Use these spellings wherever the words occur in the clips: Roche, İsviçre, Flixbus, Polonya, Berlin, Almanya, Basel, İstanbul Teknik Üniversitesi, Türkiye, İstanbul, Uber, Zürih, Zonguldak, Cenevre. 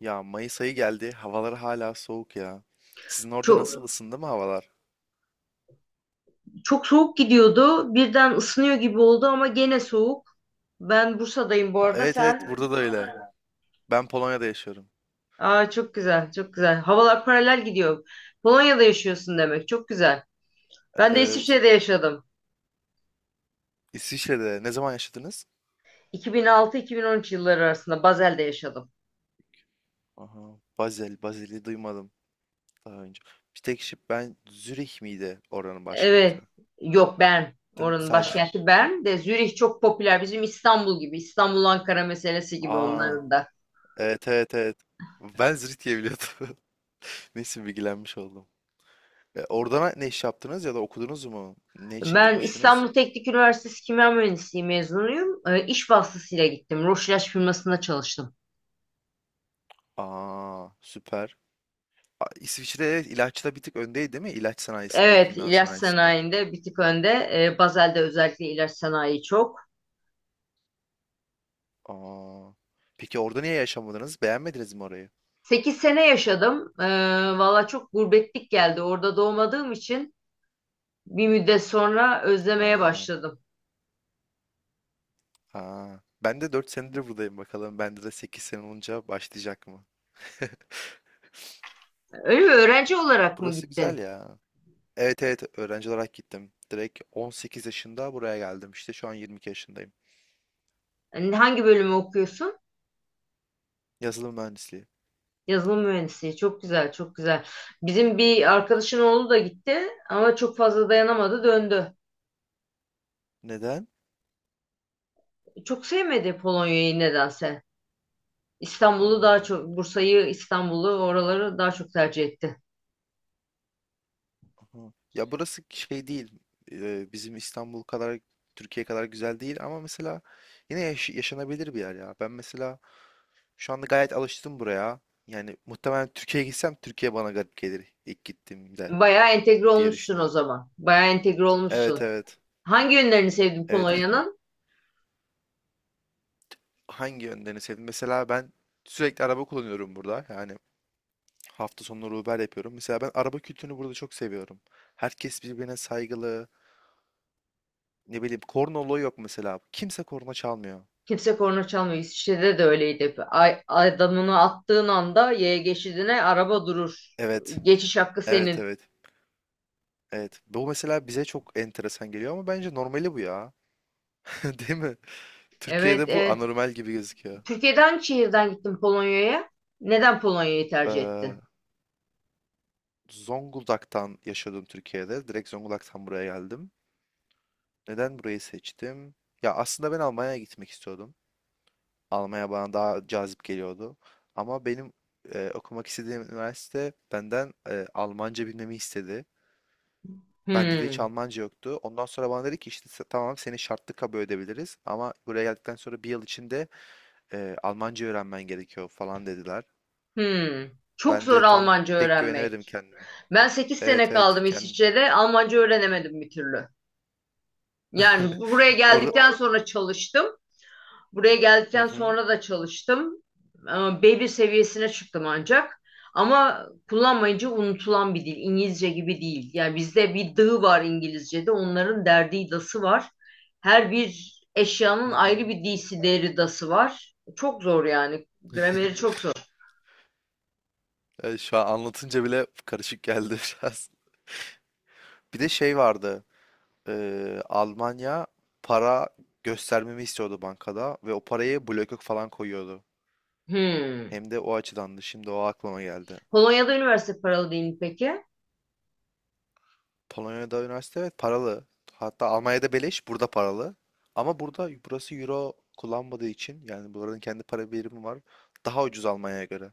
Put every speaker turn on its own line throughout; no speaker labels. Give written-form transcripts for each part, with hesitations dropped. Ya Mayıs ayı geldi. Havalar hala soğuk ya. Sizin orada nasıl
Çok,
ısındı mı havalar?
çok soğuk gidiyordu. Birden ısınıyor gibi oldu ama gene soğuk. Ben Bursa'dayım bu
Ha,
arada.
evet evet
Sen?
burada da öyle. Ben Polonya'da yaşıyorum.
Aa, çok güzel, çok güzel. Havalar paralel gidiyor. Polonya'da yaşıyorsun demek. Çok güzel. Ben de
Evet.
İsviçre'de yaşadım.
İsviçre'de. Ne zaman yaşadınız?
2006-2013 yılları arasında Basel'de yaşadım.
Aha. Basel. Basel'i duymadım daha önce. Bir tek şey, ben Zürih miydi oranın başkenti?
Evet. Yok Bern.
Değil mi?
Oranın
Sadece.
başkenti Bern de Zürih çok popüler. Bizim İstanbul gibi. İstanbul-Ankara meselesi gibi
Aa.
onların da.
Evet evet evet. Ben Zürih diye biliyordum. Neyse, bilgilenmiş oldum. Orada ne iş yaptınız ya da okudunuz mu? Ne için
Ben
gitmiştiniz?
İstanbul Teknik Üniversitesi Kimya Mühendisliği mezunuyum. İş vasıtasıyla gittim. Roche ilaç firmasında çalıştım.
Aa, süper. İsviçre evet, ilaçta bir tık öndeydi değil mi? İlaç sanayisinde,
Evet,
kimya
ilaç
sanayisinde.
sanayinde bir tık önde. Bazel'de özellikle ilaç sanayi çok.
Aa. Peki orada niye yaşamadınız? Beğenmediniz mi orayı?
Sekiz sene yaşadım. Valla çok gurbetlik geldi. Orada doğmadığım için bir müddet sonra özlemeye
Aa,
başladım.
aa. Ben de 4 senedir buradayım bakalım. Bende de 8 sene olunca başlayacak mı?
Öyle mi? Öğrenci olarak mı
Burası güzel
gittin?
ya. Evet evet, öğrenci olarak gittim. Direkt 18 yaşında buraya geldim. İşte şu an 22 yaşındayım.
Hangi bölümü okuyorsun?
Yazılım mühendisliği.
Yazılım mühendisliği. Çok güzel, çok güzel. Bizim bir
Evet.
arkadaşın oğlu da gitti ama çok fazla dayanamadı, döndü.
Neden?
Çok sevmedi Polonya'yı nedense. İstanbul'u daha
Aa.
çok, Bursa'yı, İstanbul'u, oraları daha çok tercih etti.
Aha. Ya, burası şey değil. Bizim İstanbul kadar, Türkiye kadar güzel değil ama mesela yine yaşanabilir bir yer ya. Ben mesela şu anda gayet alıştım buraya. Yani muhtemelen Türkiye'ye gitsem Türkiye bana garip gelir ilk gittiğimde
Bayağı entegre
diye
olmuşsun o
düşünüyorum.
zaman. Bayağı entegre olmuşsun.
Evet evet.
Hangi yönlerini sevdin
Evet, ilk
Polonya'nın?
hangi yönlerini sevdim? Mesela ben sürekli araba kullanıyorum burada. Yani hafta sonları Uber yapıyorum. Mesela ben araba kültürünü burada çok seviyorum. Herkes birbirine saygılı. Ne bileyim, korna olayı yok mesela. Kimse korna çalmıyor.
Kimse korna çalmıyor. İsviçre'de de öyleydi, hep. Ay, adamını attığın anda yaya geçidine araba durur.
Evet.
Geçiş hakkı
Evet
senin.
evet. Evet. Bu mesela bize çok enteresan geliyor ama bence normali bu ya. Değil mi?
Evet,
Türkiye'de bu anormal gibi gözüküyor.
Türkiye'den hangi şehirden gittin Polonya'ya? Neden Polonya'yı tercih
Ee,
ettin?
Zonguldak'tan yaşadım Türkiye'de. Direkt Zonguldak'tan buraya geldim. Neden burayı seçtim? Ya aslında ben Almanya'ya gitmek istiyordum. Almanya bana daha cazip geliyordu. Ama benim okumak istediğim üniversite benden Almanca bilmemi istedi. Bende de
Hmm,
hiç Almanca yoktu. Ondan sonra bana dedi ki işte tamam, seni şartlı kabul edebiliriz. Ama buraya geldikten sonra bir yıl içinde Almanca öğrenmen gerekiyor falan dediler.
hmm. Çok
Ben
zor
de tam
Almanca
pek güvenemedim
öğrenmek.
kendime.
Ben 8 sene
Evet evet
kaldım
kendim.
İsviçre'de. Almanca öğrenemedim bir türlü. Yani buraya
Oru...
geldikten sonra çalıştım. Buraya
Hı
geldikten
hı.
sonra da çalıştım. Ama B1 seviyesine çıktım ancak. Ama kullanmayınca unutulan bir dil. İngilizce gibi değil. Yani bizde bir dı var İngilizce'de. Onların derdi dası var. Her bir
Hı
eşyanın ayrı
hı.
bir disi deri dası var. Çok zor yani. Grameri çok zor.
Evet, şu an anlatınca bile karışık geldi biraz. Bir de şey vardı. Almanya para göstermemi istiyordu bankada ve o parayı bloke falan koyuyordu.
Hmm.
Hem de o açıdandı. Şimdi o aklıma geldi.
Polonya'da üniversite paralı değil mi peki?
Polonya'da üniversite, evet, paralı. Hatta Almanya'da beleş, burada paralı. Ama burada, burası euro kullanmadığı için yani buranın kendi para birimi var. Daha ucuz Almanya'ya göre.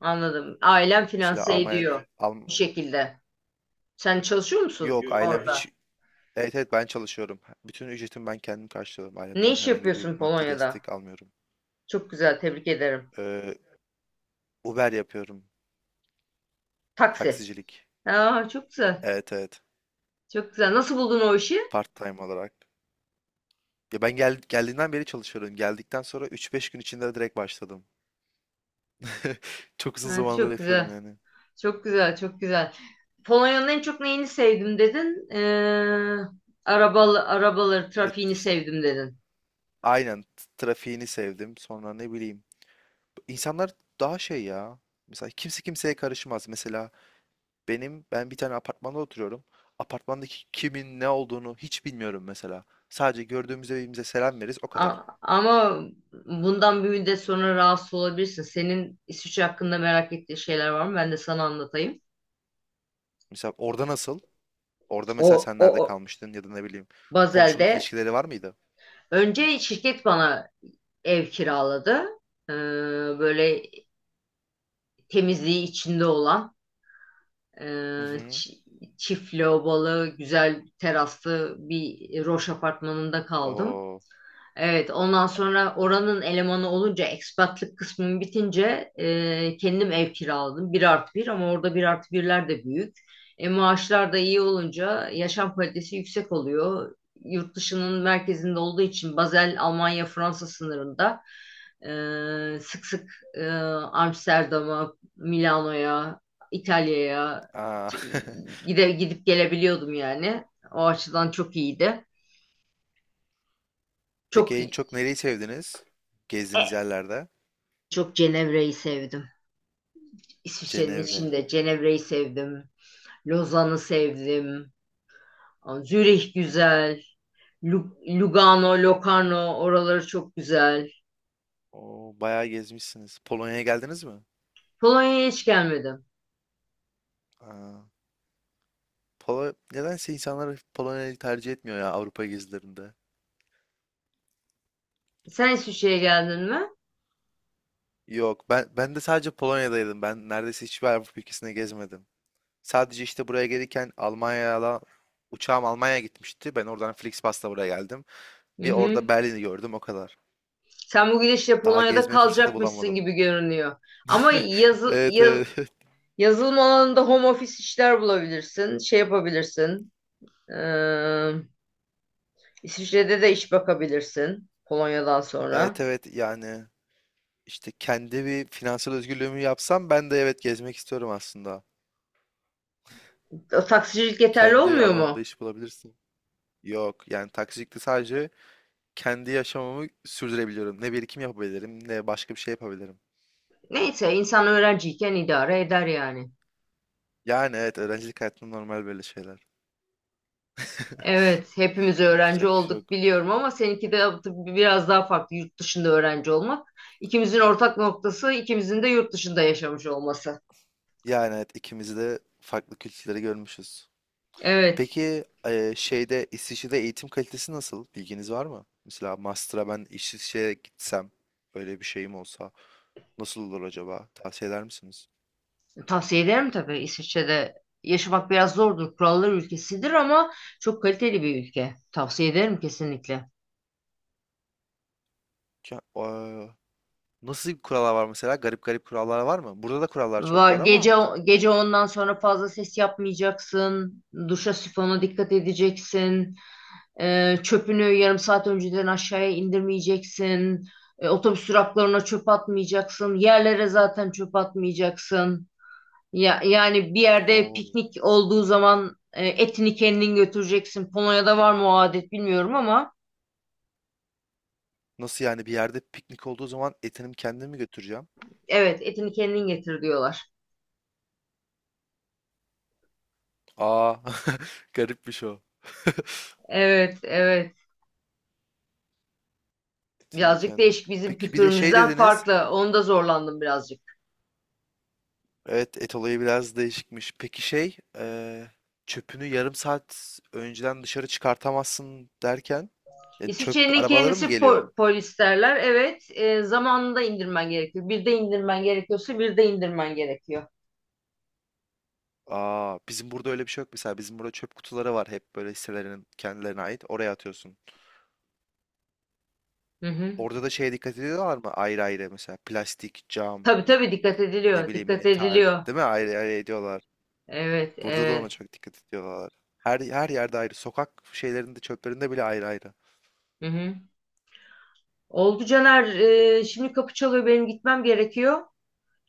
Anladım. Ailen
Mesela
finanse
Almanya,
ediyor
Alm-
bir şekilde. Sen çalışıyor musun,
yok,
yok hayır,
ailem
orada?
hiç,
Hayır.
evet evet ben çalışıyorum. Bütün ücretimi ben kendim karşılıyorum.
Ne
Ailemden
iş
herhangi bir
yapıyorsun
maddi
Polonya'da?
destek almıyorum.
Çok güzel, tebrik ederim.
Ee, Uber yapıyorum.
Taksi.
Taksicilik.
Aa, çok güzel.
Evet evet.
Çok güzel. Nasıl buldun o işi?
Part time olarak. Ya ben geldiğinden beri çalışıyorum. Geldikten sonra üç beş gün içinde direkt başladım. Çok uzun
Ha,
zamandır
çok
yapıyorum
güzel.
yani.
Çok güzel, çok güzel. Polonya'nın en çok neyini sevdim dedin? Arabaları,
Ya,
trafiğini
işte
sevdim dedin.
aynen trafiğini sevdim. Sonra ne bileyim. İnsanlar daha şey ya. Mesela kimse kimseye karışmaz. Mesela ben bir tane apartmanda oturuyorum. Apartmandaki kimin ne olduğunu hiç bilmiyorum mesela. Sadece gördüğümüzde birbirimize selam veririz, o kadar.
Ama bundan bir müddet sonra rahatsız olabilirsin. Senin İsviçre hakkında merak ettiğin şeyler var mı? Ben de sana anlatayım.
Mesela orada nasıl? Orada mesela
O,
sen nerede
o,
kalmıştın ya da ne bileyim, komşuluk
Bazel'de.
ilişkileri var mıydı?
Önce şirket bana ev kiraladı. Ee, Böyle temizliği içinde olan e,
Hı hı.
çi- çift lavabolu, güzel teraslı bir Roş apartmanında kaldım.
Oo.
Evet, ondan sonra oranın elemanı olunca ekspatlık kısmım bitince kendim ev kiraladım. Bir artı bir ama orada bir artı birler de büyük. Maaşlar da iyi olunca yaşam kalitesi yüksek oluyor. Yurt dışının merkezinde olduğu için Basel, Almanya, Fransa sınırında sık sık e, Amsterdam'a, Milano'ya, İtalya'ya
Aa.
gidip gelebiliyordum yani. O açıdan çok iyiydi.
Peki
Çok
en çok nereyi sevdiniz? Gezdiğiniz
e,
yerlerde?
Çok Cenevre'yi sevdim. İsviçre'nin
Cenevre.
içinde Cenevre'yi sevdim. Lozan'ı sevdim. Zürih güzel. Lugano, Locarno oraları çok güzel.
Oo, bayağı gezmişsiniz. Polonya'ya geldiniz mi?
Polonya'ya hiç gelmedim.
Aa. Nedense insanlar Polonya'yı tercih etmiyor ya Avrupa gezilerinde.
Sen İsviçre'ye geldin mi?
Yok, ben de sadece Polonya'daydım. Ben neredeyse hiçbir Avrupa ülkesine gezmedim. Sadece işte buraya gelirken Almanya'da, uçağım Almanya'ya gitmişti. Ben oradan Flixbus'la buraya geldim.
Hı
Bir orada
hı.
Berlin'i gördüm, o kadar.
Sen bu gidişle
Daha
Polonya'da
gezme fırsatı
kalacakmışsın
bulamadım.
gibi görünüyor. Ama yazı,
Evet
yaz-
evet.
yazılım alanında home office işler bulabilirsin. Şey yapabilirsin. Ee, İsviçre'de de iş bakabilirsin Polonya'dan
Evet
sonra.
evet, yani işte kendi bir finansal özgürlüğümü yapsam ben de evet, gezmek istiyorum aslında.
Taksicilik yeterli
Kendi
olmuyor
alanında
mu?
iş bulabilirsin. Yok yani taksicilikte sadece kendi yaşamımı sürdürebiliyorum. Ne birikim yapabilirim, ne başka bir şey yapabilirim.
Neyse insan öğrenciyken idare eder yani.
Yani evet, öğrencilik hayatında normal böyle şeyler.
Evet, hepimiz öğrenci
Yapacak bir şey
olduk
yok.
biliyorum ama seninki de tabii biraz daha farklı yurt dışında öğrenci olmak. İkimizin ortak noktası ikimizin de yurt dışında yaşamış olması.
Yani evet, ikimiz de farklı kültürleri görmüşüz.
Evet,
Peki şeyde, İsviçre'de eğitim kalitesi nasıl? Bilginiz var mı? Mesela master'a ben İsviçre'ye gitsem, öyle bir şeyim olsa, nasıl olur acaba? Tavsiye eder misiniz?
tavsiye ederim tabii. İsviçre'de yaşamak biraz zordur. Kurallar ülkesidir ama çok kaliteli bir ülke. Tavsiye ederim kesinlikle.
Ya, nasıl kurallar var mesela? Garip garip kurallar var mı? Burada da kurallar çok
Va-
var ama.
Gece gece ondan sonra fazla ses yapmayacaksın. Duşa sifona dikkat edeceksin. Çöpünü yarım saat önceden aşağıya indirmeyeceksin. Otobüs duraklarına çöp atmayacaksın. Yerlere zaten çöp atmayacaksın. Yani bir yerde
Oo.
piknik olduğu zaman etini kendin götüreceksin. Polonya'da var mı o adet bilmiyorum ama
Nasıl yani, bir yerde piknik olduğu zaman etimi kendim mi götüreceğim?
evet, etini kendin getir diyorlar.
Aa, garipmiş o.
Evet, evet.
Etimi
Birazcık
kendim.
değişik, bizim
Peki bir de şey
kültürümüzden
dediniz.
farklı. Onu da zorlandım birazcık.
Evet, et olayı biraz değişikmiş. Peki şey, çöpünü yarım saat önceden dışarı çıkartamazsın derken, yani çöp
İsviçre'nin
arabaları
kendisi
mı geliyor?
polislerler. Evet, zamanında indirmen gerekiyor. Bir de indirmen gerekiyor.
Aa, bizim burada öyle bir şey yok mesela. Bizim burada çöp kutuları var hep, böyle hisselerinin kendilerine ait. Oraya atıyorsun.
Hı hı.
Orada da şeye dikkat ediyorlar mı? Ayrı ayrı mesela plastik, cam,
Tabii tabii dikkat
ne
ediliyor.
bileyim
Dikkat
metal,
ediliyor.
değil mi? Ayrı ayrı ediyorlar.
Evet,
Burada da
evet.
ona çok dikkat ediyorlar. Her yerde ayrı. Sokak şeylerinde, çöplerinde bile ayrı ayrı.
Hı hı. Oldu, Caner. Şimdi kapı çalıyor. Benim gitmem gerekiyor.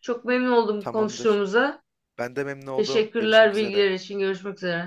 Çok memnun oldum
Tamamdır.
konuştuğumuza.
Ben de memnun oldum.
Teşekkürler
Görüşmek üzere.
bilgiler için. Görüşmek üzere.